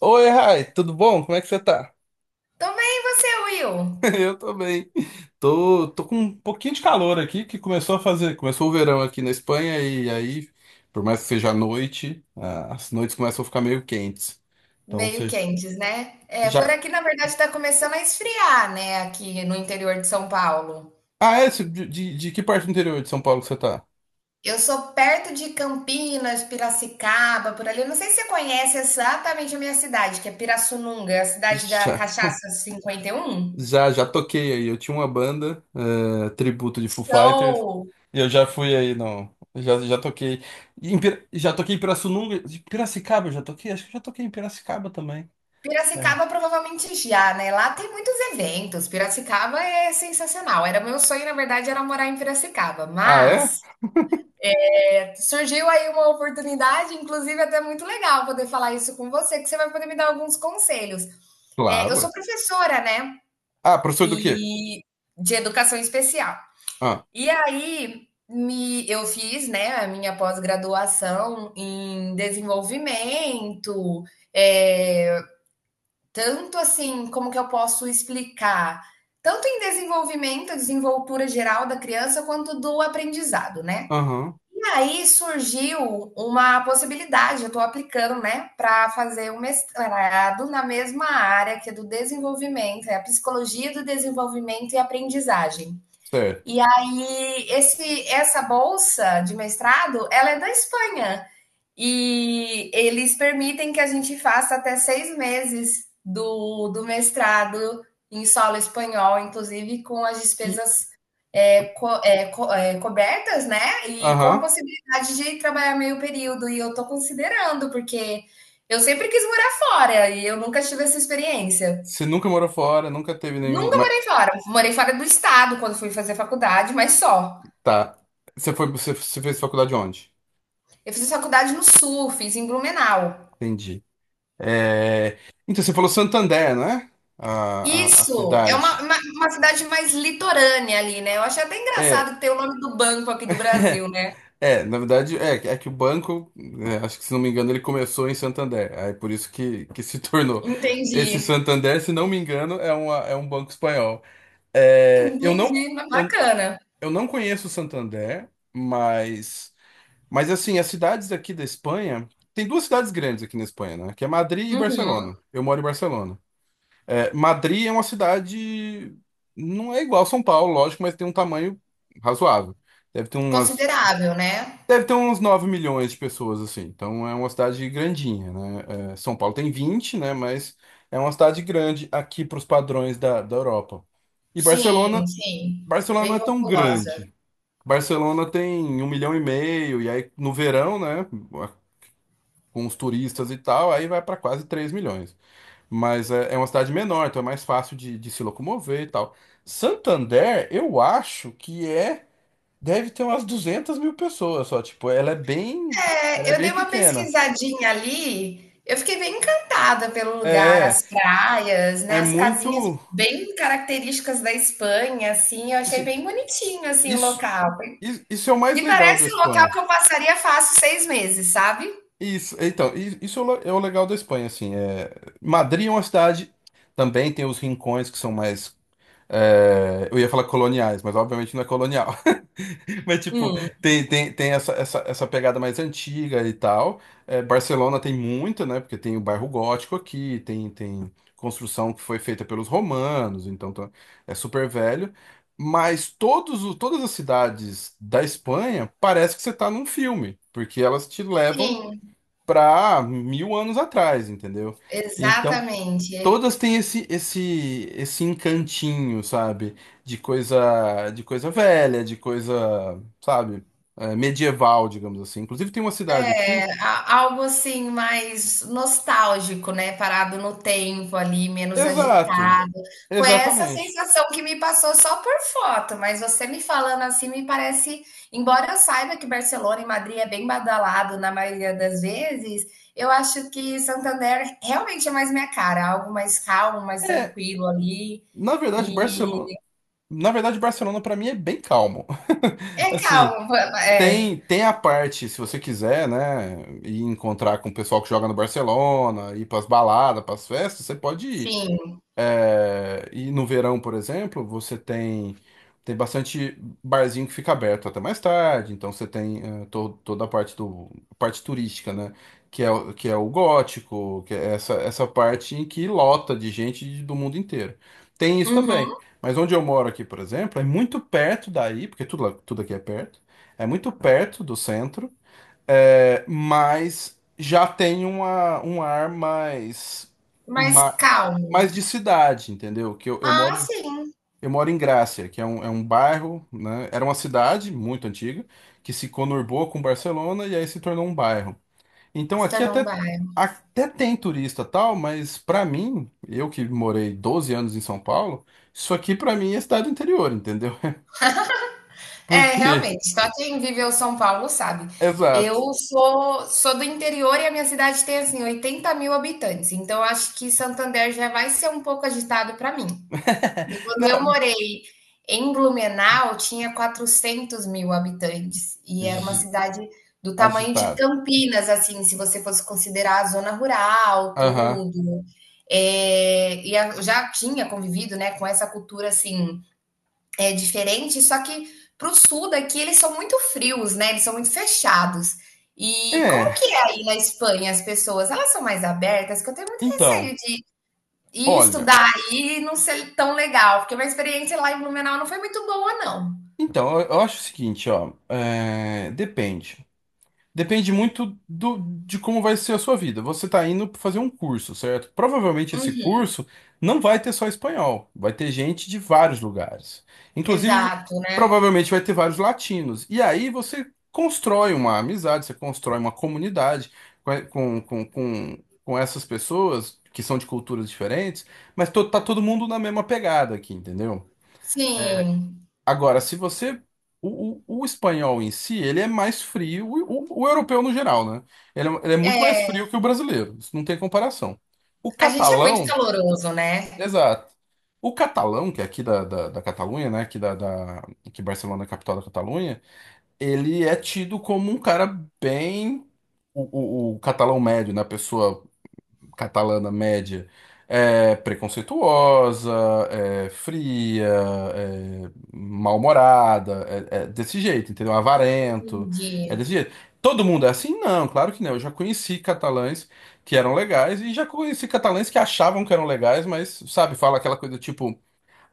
Oi, Rai, tudo bom? Como é que você tá? Também você, Will. Eu tô bem. Tô com um pouquinho de calor aqui, que começou o verão aqui na Espanha e aí, por mais que seja à noite, as noites começam a ficar meio quentes. Então Meio você quentes, né? É, por já. aqui, na verdade, está começando a esfriar, né? Aqui no interior de São Paulo. Ah, é? Você- De que parte do interior de São Paulo que você tá? Eu sou perto de Campinas, Piracicaba, por ali. Eu não sei se você conhece exatamente a minha cidade, que é Pirassununga, a cidade da Já, Cachaça 51. Já toquei aí. Eu tinha uma banda, tributo de Foo Fighters, Show! e eu já fui aí, não. Já toquei. Em já toquei em Pirassununga. De Piracicaba eu já toquei? Acho que eu já toquei em Piracicaba também. É. Piracicaba provavelmente já, né? Lá tem muitos eventos. Piracicaba é sensacional. Era meu sonho, na verdade, era morar em Piracicaba, Ah, é? mas surgiu aí uma oportunidade, inclusive até muito legal poder falar isso com você, que você vai poder me dar alguns conselhos. É, eu Claro. sou É. professora, né? Ah, professor do quê? E de educação especial. Ah, E aí eu fiz, né, a minha pós-graduação em desenvolvimento, é, tanto assim, como que eu posso explicar? Tanto em desenvolvimento, desenvoltura geral da criança, quanto do aprendizado, né? aham, E aí surgiu uma possibilidade, eu estou aplicando, né, para fazer um mestrado na mesma área que é do desenvolvimento, é a psicologia do desenvolvimento e aprendizagem. certo. E aí esse essa bolsa de mestrado, ela é da Espanha e eles permitem que a gente faça até 6 meses do mestrado em solo espanhol, inclusive com as E, despesas cobertas, né? E com a aham, possibilidade de trabalhar meio período. E eu tô considerando, porque eu sempre quis morar fora e eu nunca tive essa experiência. você nunca morou fora, nunca teve nenhum... Nunca Mas, morei fora. Morei fora do estado quando fui fazer faculdade, mas só. tá, você fez faculdade onde? Eu fiz faculdade no sul, fiz em Blumenau. Entendi. É, então, você falou Santander, né? A Isso é uma, cidade. uma, uma cidade mais litorânea ali, né? Eu achei até É, engraçado ter o nome do banco aqui do Brasil, né? Na verdade, é que o banco, acho que se não me engano, ele começou em Santander. Aí por isso que se tornou. Entendi. Esse Santander, se não me engano, uma, é um banco espanhol. É, eu Entendi. não. eu Bacana. Eu não conheço Santander, mas assim, as cidades aqui da Espanha, tem duas cidades grandes aqui na Espanha, né? Que é Madrid e Uhum. Barcelona. Eu moro em Barcelona. É, Madrid é uma cidade não é igual a São Paulo, lógico, mas tem um tamanho razoável. Deve ter umas Considerável, né? deve ter uns 9 milhões de pessoas assim. Então é uma cidade grandinha, né? É, São Paulo tem 20, né, mas é uma cidade grande aqui para os padrões da Europa. E Barcelona, Sim, sim, Barcelona não bem é tão populosa. grande. Barcelona tem 1,5 milhão, e aí no verão, né, com os turistas e tal, aí vai para quase 3 milhões. É uma cidade menor, então é mais fácil de se locomover e tal. Santander, eu acho que é, deve ter umas 200 mil pessoas só, tipo, ela é É, eu dei bem uma pequena. pesquisadinha ali, eu fiquei bem encantada pelo lugar, É, as praias, né, é as casinhas muito, bem características da Espanha, assim, eu achei assim, bem bonitinho, assim, o isso, local. Isso é o mais Me legal da parece um local Espanha. que eu passaria fácil 6 meses, sabe? Isso, então, isso é é o legal da Espanha, assim, é, Madrid é uma cidade, também tem os rincões que são mais, é, eu ia falar coloniais, mas obviamente não é colonial, mas tipo, Hum. Tem essa pegada mais antiga e tal. É, Barcelona tem muito, né, porque tem o bairro gótico aqui, tem construção que foi feita pelos romanos, então é super velho, mas todas as cidades da Espanha parece que você tá num filme, porque elas te levam Sim, para 1000 anos atrás, entendeu? Então, exatamente. todas têm esse encantinho, sabe? De coisa velha, de coisa, sabe? Medieval, digamos assim. Inclusive tem uma cidade aqui. Algo assim mais nostálgico, né? Parado no tempo ali, menos Exato. agitado. Foi essa Exatamente. sensação que me passou só por foto, mas você me falando assim me parece, embora eu saiba que Barcelona e Madrid é bem badalado na maioria das vezes, eu acho que Santander realmente é mais minha cara, algo mais calmo, mais É, tranquilo ali. na verdade, E Barcelona, na verdade, Barcelona para mim é bem calmo. é Assim, calmo, é, tem a parte, se você quiser, né, ir encontrar com o pessoal que joga no Barcelona, ir pras baladas, pras festas, você pode ir. sim. É, e no verão, por exemplo, você tem tem bastante barzinho que fica aberto até mais tarde, então você tem toda a parte do parte turística, né? Que é, que é o gótico, que é essa parte em que lota de gente do mundo inteiro. Tem isso também. Uhum. Mas onde eu moro aqui, por exemplo, é muito perto daí, porque tudo, tudo aqui é perto, é muito perto do centro, mas já tem um ar mais Mais calmo. mais de cidade, entendeu? Eu moro, Ah, sim. eu moro em Grácia, que é é um bairro, né? Era uma cidade muito antiga que se conurbou com Barcelona e aí se tornou um bairro. Então Se aqui tornou um até, bar. até tem turista tal, mas pra mim, eu que morei 12 anos em São Paulo, isso aqui pra mim é cidade do interior, entendeu? É, Porque, realmente, só quem viveu São Paulo sabe. exato. Eu sou do interior e a minha cidade tem, assim, 80 mil habitantes, então acho que Santander já vai ser um pouco agitado para mim. E quando eu Não, morei em Blumenau, tinha 400 mil habitantes e era uma agi- cidade do tamanho de agitado. Campinas, assim, se você fosse considerar a zona rural, Aham. tudo. É, e eu já tinha convivido, né, com essa cultura, assim, é diferente, só que para o sul daqui eles são muito frios, né? Eles são muito fechados. E como É, que é aí na Espanha as pessoas? Elas são mais abertas? Que eu tenho muito receio então, de ir olha. estudar aí e não ser tão legal, porque minha experiência lá em Blumenau não foi muito boa, não. Então, eu acho o seguinte, ó. É, depende. Depende muito do, de como vai ser a sua vida. Você está indo fazer um curso, certo? Provavelmente esse Uhum, curso não vai ter só espanhol, vai ter gente de vários lugares. Inclusive, exato, né? provavelmente vai ter vários latinos. E aí você constrói uma amizade, você constrói uma comunidade com, com, com, com essas pessoas que são de culturas diferentes, mas tá todo mundo na mesma pegada aqui, entendeu? Sim, Agora, se você. O espanhol em si, ele é mais frio, o europeu no geral, né? Ele é muito mais é, frio que o brasileiro, isso não tem comparação. O a gente é muito catalão, caloroso, né? exato. O catalão, que é aqui da Catalunha, né? Aqui que Barcelona é a capital da Catalunha, ele é tido como um cara bem. O catalão médio, né? A pessoa catalana média é preconceituosa, é fria, é mal-humorada, é desse jeito, entendeu? Avarento, é Entendi. desse jeito. Todo mundo é assim? Não, claro que não. Eu já conheci catalães que eram legais e já conheci catalães que achavam que eram legais, mas, sabe, fala aquela coisa tipo.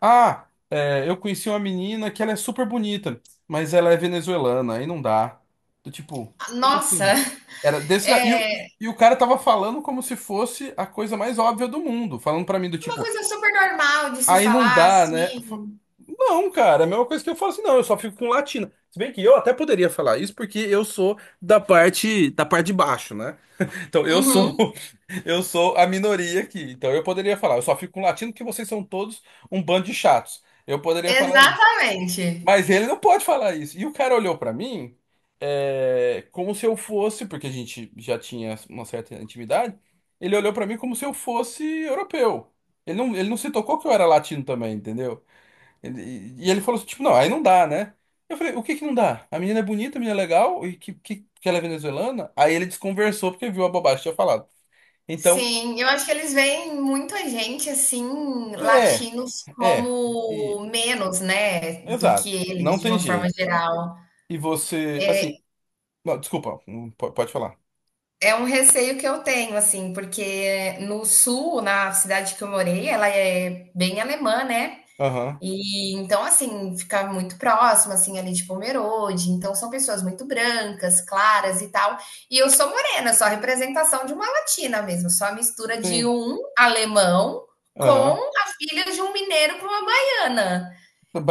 Ah, é, eu conheci uma menina que ela é super bonita, mas ela é venezuelana, aí não dá. Do tipo, como Nossa, assim? Era desse, e, o- é e, e o cara tava falando como se fosse a coisa mais óbvia do mundo, falando pra mim do uma tipo, coisa super normal de se aí não falar dá, né? Assim. Não, cara, é a mesma coisa que eu falo assim, não, eu só fico com latina. Se bem que eu até poderia falar isso porque eu sou da parte de baixo, né? Então, eu sou Uhum, eu sou a minoria aqui. Então, eu poderia falar, eu só fico com latino porque vocês são todos um bando de chatos. Eu poderia falar isso. exatamente. Mas ele não pode falar isso. E o cara olhou pra mim como se eu fosse, porque a gente já tinha uma certa intimidade, ele olhou pra mim como se eu fosse europeu. Ele não se tocou que eu era latino também, entendeu? E ele falou assim, tipo, não, aí não dá, né? Eu falei, o que que não dá? A menina é bonita, a menina é legal, e que ela é venezuelana? Aí ele desconversou porque viu a bobagem que tinha falado. Então, Sim, eu acho que eles veem muita gente, assim, é, latinos é, e- como menos, né, do que exato, não eles, de tem uma forma jeito. geral. E você, assim, não, desculpa, pode falar. É um receio que eu tenho, assim, porque no sul, na cidade que eu morei, ela é bem alemã, né? Aham, E então, assim, fica muito próximo, assim, ali de Pomerode. Então, são pessoas muito brancas, claras e tal. E eu sou morena, só a representação de uma latina mesmo, só a mistura de sim, um alemão com aham. a filha de um mineiro com uma baiana.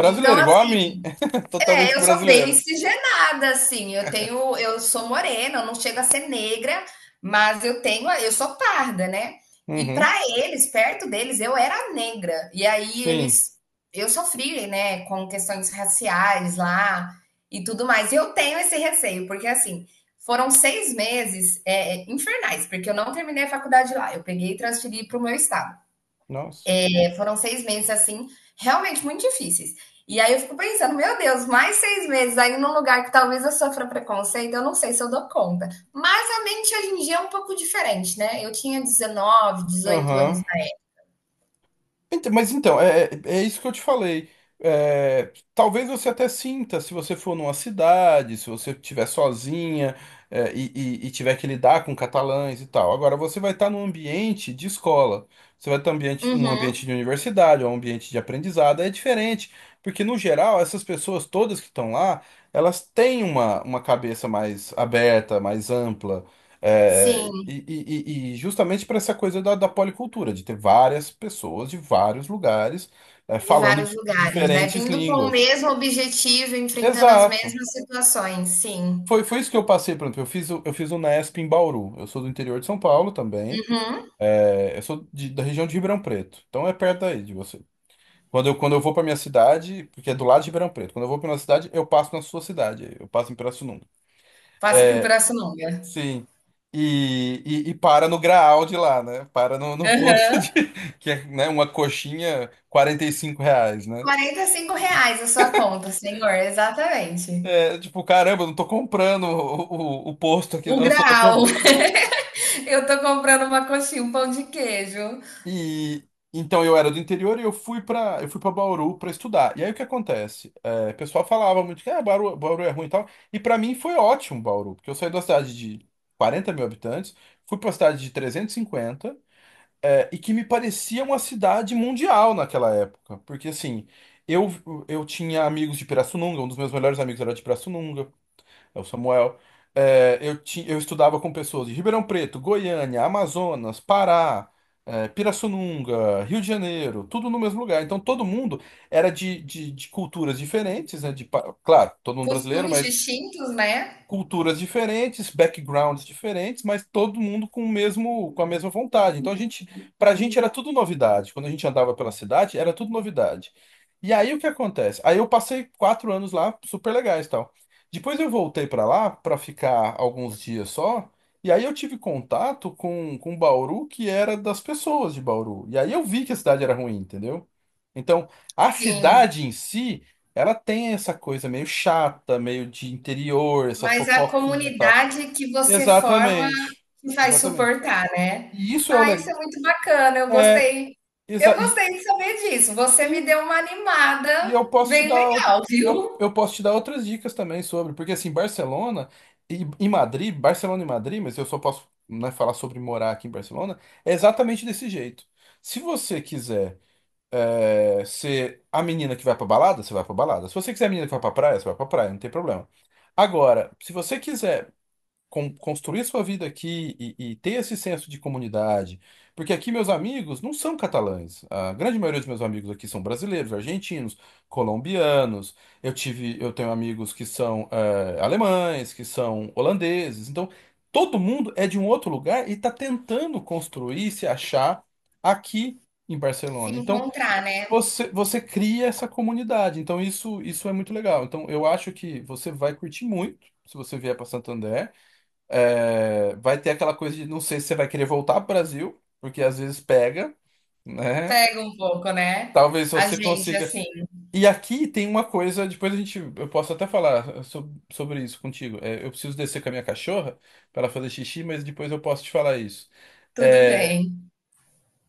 Então, igual a assim, mim, é, totalmente eu sou bem brasileira. miscigenada, assim. Eu tenho, eu sou morena, eu não chego a ser negra, mas eu tenho, eu sou parda, né? E para Uhum, eles, perto deles, eu era negra. E aí sim, eles, eu sofri, né, com questões raciais lá e tudo mais. E eu tenho esse receio, porque assim, foram 6 meses infernais, porque eu não terminei a faculdade lá. Eu peguei e transferi para o meu estado. nossa, Foram seis meses assim, realmente muito difíceis. E aí eu fico pensando, meu Deus, mais 6 meses aí num lugar que talvez eu sofra preconceito, eu não sei se eu dou conta. Mas a mente hoje em dia é um pouco diferente, né? Eu tinha 19, 18 aham. anos na época. Mas então, é isso que eu te falei. É, talvez você até sinta, se você for numa cidade, se você estiver sozinha, e tiver que lidar com catalães e tal. Agora, você vai estar num ambiente de escola. Você vai estar um ambiente Uhum, de universidade, ou um ambiente de aprendizado. É diferente, porque no geral, essas pessoas todas que estão lá, elas têm uma cabeça mais aberta, mais ampla. É, sim, e justamente para essa coisa da policultura, de ter várias pessoas de vários lugares de falando vários de lugares, né? diferentes Vindo com o línguas. mesmo objetivo, enfrentando as Exato. mesmas situações, sim. Foi isso que eu passei, por exemplo, eu fiz o Nesp em Bauru. Eu sou do interior de São Paulo também. Uhum. Eu sou da região de Ribeirão Preto. Então é perto daí de você. Quando eu vou para minha cidade, porque é do lado de Ribeirão Preto, quando eu vou para minha cidade, eu passo na sua cidade. Eu passo em Pirassununga. Passa por Pirassununga. Sim. E para no Graal de lá, né? Para no posto Uhum. de, que é, né, uma coxinha, R$ 45, né? R$ 45 a sua conta, senhor, exatamente. É, tipo, caramba, eu não tô comprando o posto aqui, O não, eu só tô grau. comprando. Eu tô comprando uma coxinha, um pão de queijo. E então eu era do interior e eu fui para Bauru para estudar. E aí o que acontece? É, o pessoal falava muito que ah, Bauru é ruim e tal. E para mim foi ótimo Bauru, porque eu saí da cidade de 40 mil habitantes, fui para uma cidade de 350 mil. É, e que me parecia uma cidade mundial naquela época. Porque, assim, eu, eu tinha amigos de Pirassununga, um dos meus melhores amigos era de Pirassununga, é o Samuel. É, eu estudava com pessoas de Ribeirão Preto, Goiânia, Amazonas, Pará, é, Pirassununga, Rio de Janeiro, tudo no mesmo lugar. Então, todo mundo era de culturas diferentes, né? Claro, todo mundo brasileiro, Costumes distintos, né? culturas diferentes, backgrounds diferentes, mas todo mundo com o mesmo, com a mesma vontade. Então pra gente era tudo novidade. Quando a gente andava pela cidade, era tudo novidade. E aí o que acontece? Aí eu passei 4 anos lá, super legais, e tal. Depois eu voltei pra lá pra ficar alguns dias só. E aí eu tive contato com Bauru, que era das pessoas de Bauru. E aí eu vi que a cidade era ruim, entendeu? Então, a Sim, cidade em si ela tem essa coisa meio chata, meio de interior, essa mas a fofoquinha e tal. comunidade que você forma Exatamente. que vai Exatamente. suportar, né? E isso é o Ah, isso legal. é muito bacana, eu É, gostei. Eu exa e, gostei de saber disso. Você me sim, deu uma e animada eu posso te bem dar legal, viu? eu posso te dar outras dicas também sobre, porque assim, Barcelona e Madrid, Barcelona e Madrid, mas eu só posso, né, falar sobre morar aqui em Barcelona, é exatamente desse jeito. Se você quiser é, se a menina que vai pra balada, você vai pra balada. Se você quiser a menina que vai pra praia, você vai pra praia, não tem problema. Agora, se você quiser construir sua vida aqui e ter esse senso de comunidade, porque aqui meus amigos não são catalães. A grande maioria dos meus amigos aqui são brasileiros, argentinos, colombianos. Eu tenho amigos que são alemães, que são holandeses. Então, todo mundo é de um outro lugar e está tentando construir, se achar aqui em Se Barcelona. Então encontrar, né? Você cria essa comunidade, então isso é muito legal. Então eu acho que você vai curtir muito se você vier para Santander. É, vai ter aquela coisa de não sei se você vai querer voltar para o Brasil, porque às vezes pega, né? Pega um pouco, né? Talvez A você gente, consiga. assim, E aqui tem uma coisa, depois a gente, eu posso até falar sobre isso contigo. É, eu preciso descer com a minha cachorra para ela fazer xixi, mas depois eu posso te falar isso. tudo É, bem.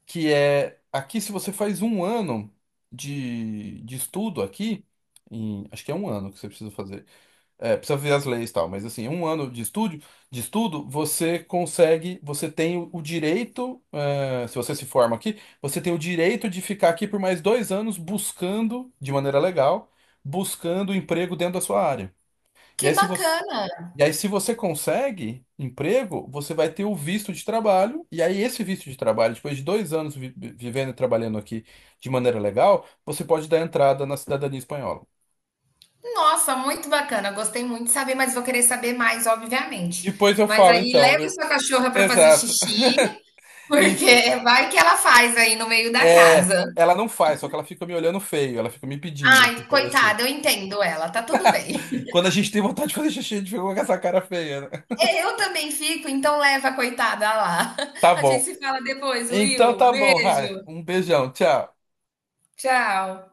que é aqui se você faz um ano de estudo aqui, acho que é um ano que você precisa fazer. É, precisa ver as leis e tal, mas assim, um ano de estudo, você consegue, você tem o direito, é, se você se forma aqui, você tem o direito de ficar aqui por mais 2 anos buscando, de maneira legal, buscando emprego dentro da sua área. E Que aí, se você, bacana! e aí, se você consegue emprego, você vai ter o visto de trabalho. E aí, esse visto de trabalho, depois de 2 anos vivendo e trabalhando aqui de maneira legal, você pode dar entrada na cidadania espanhola. Nossa, muito bacana. Gostei muito de saber, mas vou querer saber mais, obviamente. Depois eu Mas falo, aí então, leve eu. sua cachorra para fazer Exato. xixi, Isso. porque vai que ela faz aí no meio da É, casa. ela não faz, só que ela fica me olhando feio, ela fica me pedindo aqui Ai, pra descer. coitada, eu entendo ela, tá tudo bem. Quando a gente tem vontade de fazer xixi, a gente fica com essa cara feia, né? Eu também fico, então leva a coitada lá. Tá A gente bom. se fala depois, Então Will. tá bom, Rai. Beijo. Um beijão, tchau. Tchau.